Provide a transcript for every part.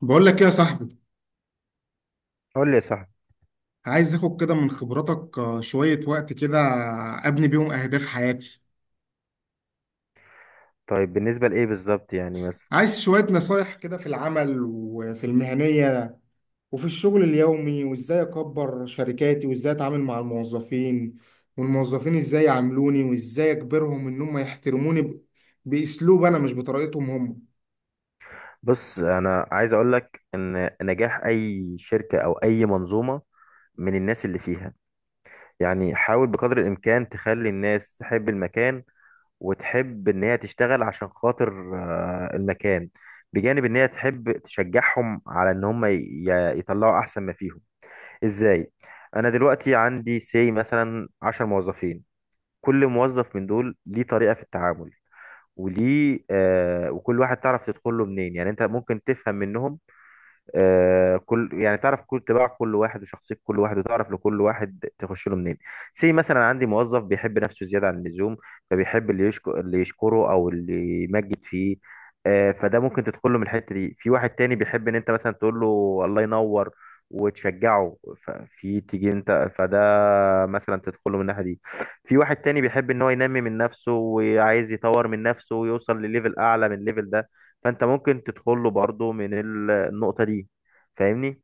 بقول لك ايه يا صاحبي. قول لي يا صاحبي. عايز اخد كده من خبراتك، آه، شوية وقت كده. ابني بيهم اهداف حياتي. طيب بالنسبة لإيه بالظبط؟ يعني مثلا عايز شوية نصايح كده في العمل وفي المهنية وفي الشغل اليومي، وازاي اكبر شركاتي وازاي اتعامل مع الموظفين، والموظفين ازاي يعاملوني، وازاي اجبرهم ان هم يحترموني باسلوب انا، مش بطريقتهم هم. بص، أنا عايز أقول لك إن نجاح أي شركة أو أي منظومة من الناس اللي فيها. يعني حاول بقدر الإمكان تخلي الناس تحب المكان وتحب إن هي تشتغل عشان خاطر المكان، بجانب إن هي تحب تشجعهم على إن هم يطلعوا أحسن ما فيهم. إزاي؟ أنا دلوقتي عندي سي مثلا 10 موظفين، كل موظف من دول ليه طريقة في التعامل، وليه آه، وكل واحد تعرف تدخل له منين. يعني انت ممكن تفهم منهم آه، كل يعني تعرف كل طباع كل واحد وشخصية كل واحد وتعرف لكل واحد تخش له منين. سي مثلا عندي موظف بيحب نفسه زيادة عن اللزوم، فبيحب اللي يشكره او اللي يمجد فيه، آه، فده ممكن تدخل له من الحتة دي. في واحد تاني بيحب ان انت مثلا تقول له الله ينور وتشجعه، ففي تيجي انت فده مثلا تدخله من الناحيه دي. في واحد تاني بيحب ان هو ينمي من نفسه وعايز يطور من نفسه ويوصل لليفل اعلى من الليفل ده، فانت ممكن تدخله برضه من النقطه دي. فاهمني؟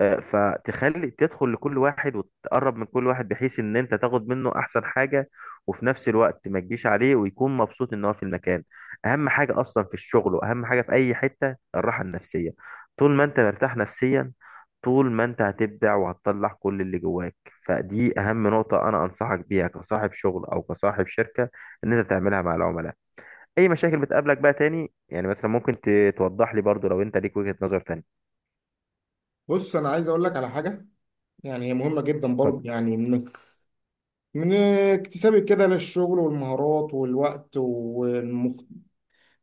فتخلي تدخل لكل واحد وتقرب من كل واحد بحيث ان انت تاخد منه احسن حاجة، وفي نفس الوقت ما تجيش عليه ويكون مبسوط ان هو في المكان. اهم حاجة اصلا في الشغل واهم حاجة في اي حتة الراحة النفسية. طول ما انت مرتاح نفسيا، طول ما انت هتبدع وهتطلع كل اللي جواك. فدي اهم نقطة انا انصحك بيها كصاحب شغل او كصاحب شركة، ان انت تعملها مع العملاء. اي مشاكل بتقابلك بقى تاني يعني مثلا؟ ممكن توضح لي برضو لو انت ليك وجهة نظر تانية. بص، انا عايز اقول لك على حاجة، يعني هي مهمة جدا برضه، اتفضل. يعني من اكتسابي كده للشغل والمهارات والوقت.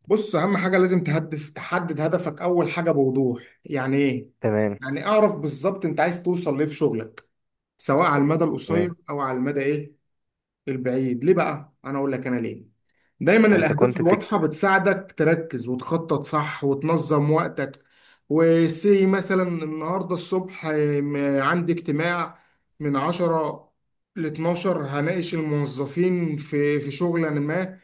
بص، اهم حاجه لازم تهدف، تحدد هدفك اول حاجه بوضوح. يعني ايه؟ تمام. يعني اعرف بالظبط انت عايز توصل ليه في شغلك، سواء على المدى القصير تمام. او على المدى ايه، البعيد. ليه بقى انا اقول لك؟ انا ليه دايما انت الاهداف كنت بتك... الواضحه بتساعدك تركز وتخطط صح وتنظم وقتك. وسي مثلا النهارده الصبح عندي اجتماع من 10 ل 12 هناقش الموظفين في شغل ما،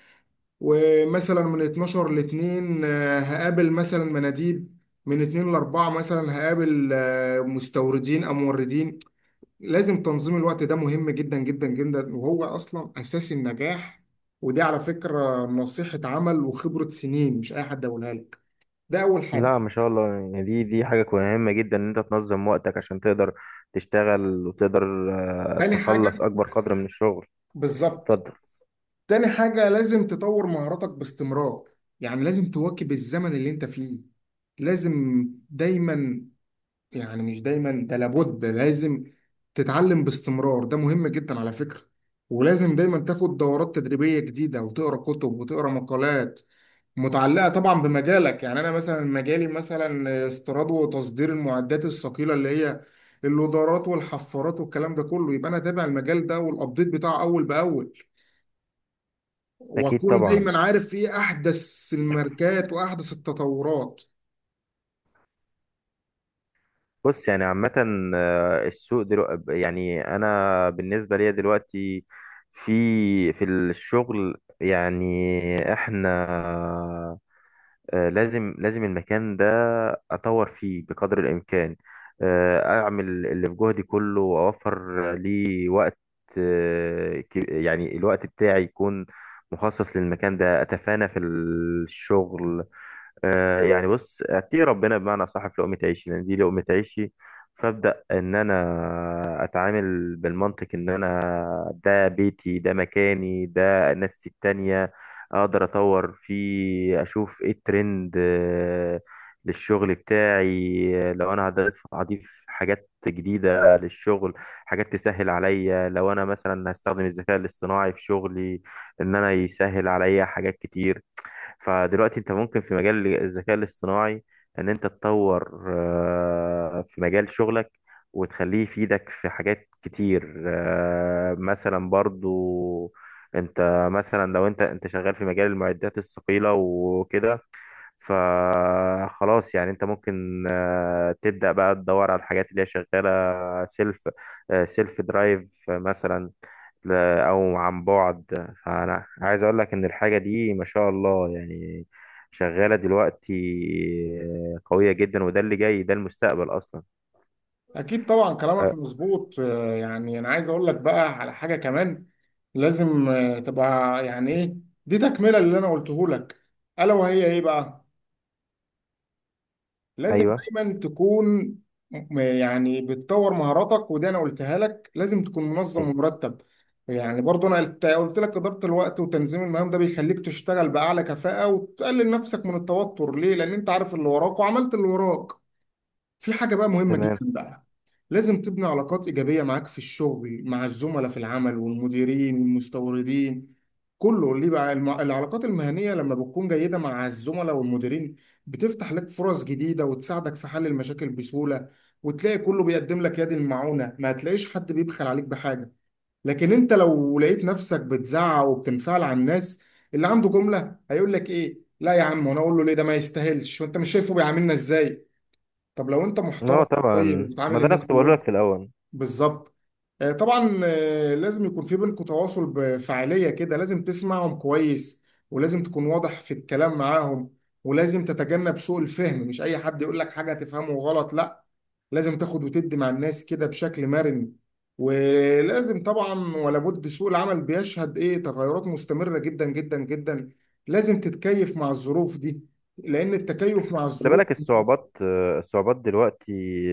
ومثلا من 12 ل 2 هقابل مثلا مناديب، من 2 ل 4 مثلا هقابل مستوردين او موردين. لازم تنظيم الوقت، ده مهم جدا جدا جدا، وهو اصلا اساس النجاح. ودي على فكرة نصيحة عمل وخبرة سنين، مش اي حد يقولها لك. ده اول حاجة. لا، ما شاء الله، يعني دي حاجة مهمة جدا ان انت تنظم وقتك عشان تقدر تشتغل وتقدر تاني تخلص حاجة اكبر قدر من الشغل. بالظبط، اتفضل. تاني حاجة لازم تطور مهاراتك باستمرار. يعني لازم تواكب الزمن اللي انت فيه. لازم دايما، يعني مش دايما، ده لابد، لازم تتعلم باستمرار، ده مهم جدا على فكرة. ولازم دايما تاخد دورات تدريبية جديدة، وتقرا كتب وتقرا مقالات متعلقة طبعا بمجالك. يعني أنا مثلا مجالي مثلا استيراد وتصدير المعدات الثقيلة، اللي هي اللودرات والحفارات والكلام ده كله، يبقى أنا تابع المجال ده والأبديت بتاعه أول بأول، اكيد وأكون طبعا. دايما عارف إيه أحدث الماركات وأحدث التطورات. بص يعني عامة، السوق دلوقتي، يعني انا بالنسبة ليا دلوقتي في في الشغل يعني احنا، لازم المكان ده أطور فيه بقدر الإمكان، أعمل اللي في جهدي كله وأوفر لي وقت، يعني الوقت بتاعي يكون مخصص للمكان ده، أتفانى في الشغل. يعني بص، اتقي ربنا بمعنى صح في لقمة عيشي لان دي لقمة عيشي. فابدا ان انا اتعامل بالمنطق ان انا ده بيتي، ده مكاني، ده ناس التانية، اقدر اطور فيه، اشوف ايه الترند للشغل بتاعي. لو انا هضيف حاجات جديدة للشغل، حاجات تسهل عليا، لو انا مثلا هستخدم الذكاء الاصطناعي في شغلي، ان انا يسهل عليا حاجات كتير. فدلوقتي انت ممكن في مجال الذكاء الاصطناعي ان انت تطور في مجال شغلك وتخليه يفيدك في حاجات كتير. مثلا برضو انت مثلا لو انت شغال في مجال المعدات الثقيلة وكده، فخلاص يعني انت ممكن تبدأ بقى تدور على الحاجات اللي هي شغالة سيلف، سيلف درايف مثلا، او عن بعد. فانا عايز اقول لك ان الحاجه دي ما شاء الله يعني شغاله دلوقتي، قويه جدا، وده اللي جاي ده المستقبل اصلا. أكيد طبعا كلامك أه. مظبوط، آه، يعني أنا عايز أقول لك بقى على حاجة كمان. لازم، آه، تبقى يعني إيه، دي تكملة اللي أنا قلته لك. ألا وهي إيه بقى؟ لازم ايوه. دايما تكون يعني بتطور مهاراتك، ودي أنا قلتها لك. لازم تكون منظم أي. ومرتب. يعني برضو أنا قلت لك إدارة الوقت وتنظيم المهام، ده بيخليك تشتغل بأعلى كفاءة وتقلل نفسك من التوتر. ليه؟ لأن أنت عارف اللي وراك وعملت اللي وراك. في حاجة بقى مهمة جدا تمام. بقى، لازم تبني علاقات إيجابية معاك في الشغل مع الزملاء في العمل والمديرين والمستوردين. كله ليه بقى؟ العلاقات المهنية لما بتكون جيدة مع الزملاء والمديرين بتفتح لك فرص جديدة، وتساعدك في حل المشاكل بسهولة، وتلاقي كله بيقدم لك يد المعونة، ما هتلاقيش حد بيبخل عليك بحاجة. لكن انت لو لقيت نفسك بتزعق وبتنفعل على الناس، اللي عنده جملة هيقول لك ايه، لا يا عم، وانا اقول له ليه؟ ده ما يستاهلش، وانت مش شايفه بيعاملنا ازاي؟ طب لو انت محترم، اه طبعا، طيب، ما وبتعامل ده انا الناس كنت بقول لك في الاول. بالظبط، آه، طبعا، آه، لازم يكون في بينكم تواصل بفعالية كده، لازم تسمعهم كويس، ولازم تكون واضح في الكلام معاهم، ولازم تتجنب سوء الفهم. مش اي حد يقول لك حاجة تفهمه غلط، لا. لازم تاخد وتدي مع الناس كده بشكل مرن. ولازم طبعا ولا بد، سوق العمل بيشهد ايه تغيرات مستمرة جدا جدا جدا. لازم تتكيف مع الظروف دي، لأن التكيف مع خلي الظروف بالك الصعوبات، الصعوبات دلوقتي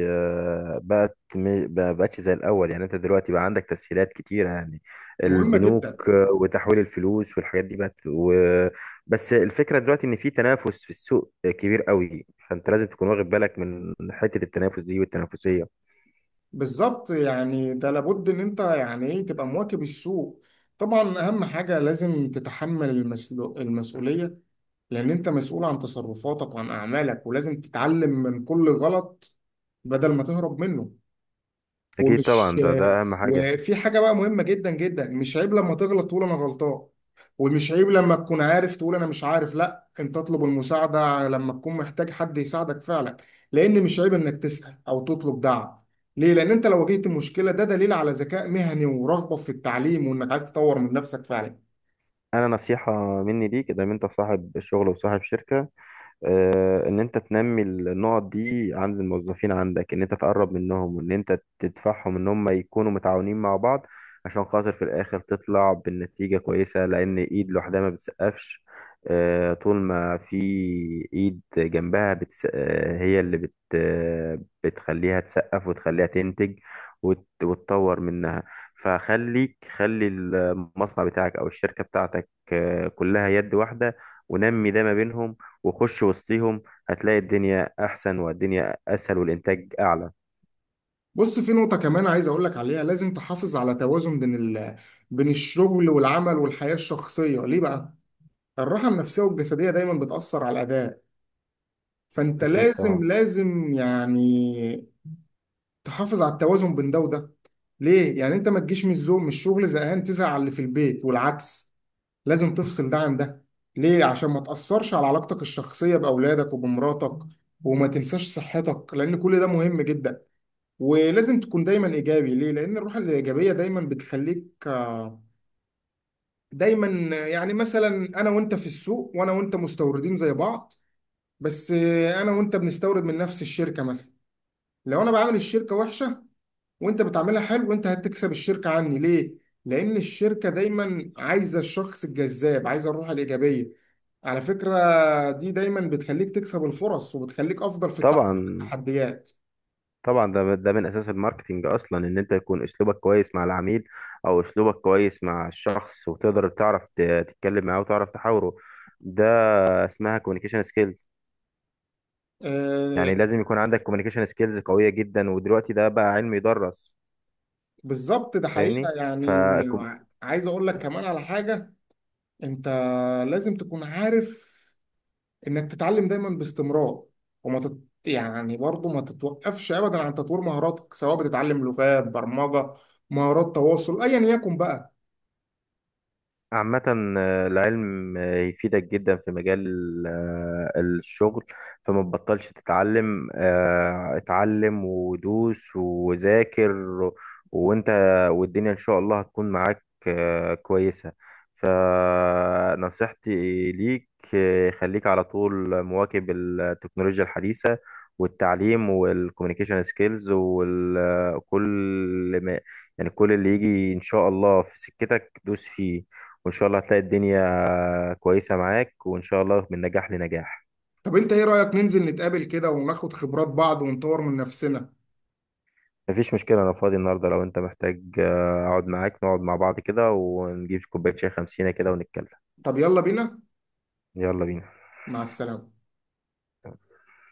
بقت ما بقتش زي الأول. يعني أنت دلوقتي بقى عندك تسهيلات كتيرة، يعني مهمة جدا. البنوك، وتحويل الفلوس والحاجات دي بقت و... بس الفكرة دلوقتي إن في تنافس في السوق كبير قوي، فأنت لازم تكون واخد بالك من حتة التنافس دي والتنافسية. بالظبط يعني ده لابد ان انت يعني ايه تبقى مواكب السوق. طبعا اهم حاجة لازم تتحمل المسؤولية، لان انت مسؤول عن تصرفاتك وعن اعمالك، ولازم تتعلم من كل غلط بدل ما تهرب منه. أكيد ومش طبعا، ده أهم حاجة. وفي حاجة بقى مهمة جدا جدا، مش عيب لما تغلط تقول أنا غلطان، ومش عيب لما تكون عارف تقول أنا مش عارف. لا، أنت تطلب المساعدة لما تكون محتاج حد يساعدك فعلا، لأن مش عيب إنك تسأل أو تطلب دعم. ليه؟ لأن أنت لو واجهت المشكلة، ده دليل على ذكاء مهني ورغبة في التعليم، وإنك عايز تطور من نفسك فعلا. أنا نصيحة مني ليك، إذا ما أنت صاحب شغل وصاحب شركة، ان انت تنمي النقط دي عند الموظفين عندك، ان انت تقرب منهم وان انت تدفعهم ان هم يكونوا متعاونين مع بعض عشان خاطر في الاخر تطلع بالنتيجة كويسة، لان ايد لوحدها ما بتسقفش. طول ما في ايد جنبها بتس... آه، هي اللي بت... آه، بتخليها تسقف وتخليها تنتج وتطور منها. فخليك، خلي المصنع بتاعك او الشركة بتاعتك كلها يد واحدة، ونمي ده ما بينهم، وخش وسطيهم، هتلاقي الدنيا أحسن والدنيا أسهل والإنتاج أعلى. بص، في نقطة كمان عايز أقول لك عليها. لازم تحافظ على توازن بين بين الشغل والعمل والحياة الشخصية. ليه بقى؟ الراحة النفسية والجسدية دايما بتأثر على الأداء. فانت اكيد طبعا. لازم يعني تحافظ على التوازن بين ده وده. ليه؟ يعني انت ما تجيش من الزوم من الشغل زهقان تزهق على اللي في البيت والعكس. لازم تفصل ده عن ده، ليه؟ عشان ما تأثرش على علاقتك الشخصية بأولادك وبمراتك، وما تنساش صحتك، لأن كل ده مهم جدا. ولازم تكون دايما إيجابي. ليه؟ لأن الروح الإيجابية دايما بتخليك، آه، دايما، يعني مثلا أنا وأنت في السوق، وأنا وأنت مستوردين زي بعض، بس، آه، أنا وأنت بنستورد من نفس الشركة مثلا. لو انا بعمل الشركه وحشه وانت بتعملها حلو، انت هتكسب الشركه عني. ليه؟ لان الشركه دايما عايزه الشخص الجذاب، عايزه الروح الايجابيه. على فكره، دي دايما بتخليك تكسب الفرص، وبتخليك افضل في التعامل مع طبعا التحديات. طبعا ده من اساس الماركتينج اصلا، ان انت يكون اسلوبك كويس مع العميل او اسلوبك كويس مع الشخص، وتقدر تعرف تتكلم معاه وتعرف تحاوره. ده اسمها كوميونيكيشن سكيلز. آه، يعني لازم يكون عندك كوميونيكيشن سكيلز قوية جدا، ودلوقتي ده بقى علم يدرس. بالظبط، ده حقيقه فاهمني؟ ف يعني. عايز اقول لك كمان على حاجه. انت لازم تكون عارف انك تتعلم دايما باستمرار، وما تت... يعني برضه ما تتوقفش ابدا عن تطوير مهاراتك، سواء بتتعلم لغات برمجة، مهارات تواصل، ايا يكن بقى. عامة، العلم يفيدك جدا في مجال الشغل. فما تبطلش تتعلم. اتعلم ودوس وذاكر وانت والدنيا ان شاء الله هتكون معاك كويسة. فنصيحتي ليك خليك على طول مواكب التكنولوجيا الحديثة والتعليم والكوميونيكيشن سكيلز، وكل ما يعني كل اللي يجي ان شاء الله في سكتك دوس فيه، وان شاء الله هتلاقي الدنيا كويسة معاك، وان شاء الله من نجاح لنجاح. طب انت ايه رأيك ننزل نتقابل كده وناخد خبرات بعض ونطور من نفسنا؟ مفيش مشكلة، انا فاضي النهاردة. لو انت محتاج اقعد معاك، نقعد مع بعض كده ونجيب كوباية شاي خمسينة كده ونتكلم. طب يلا بينا. يلا بينا. مع السلامة.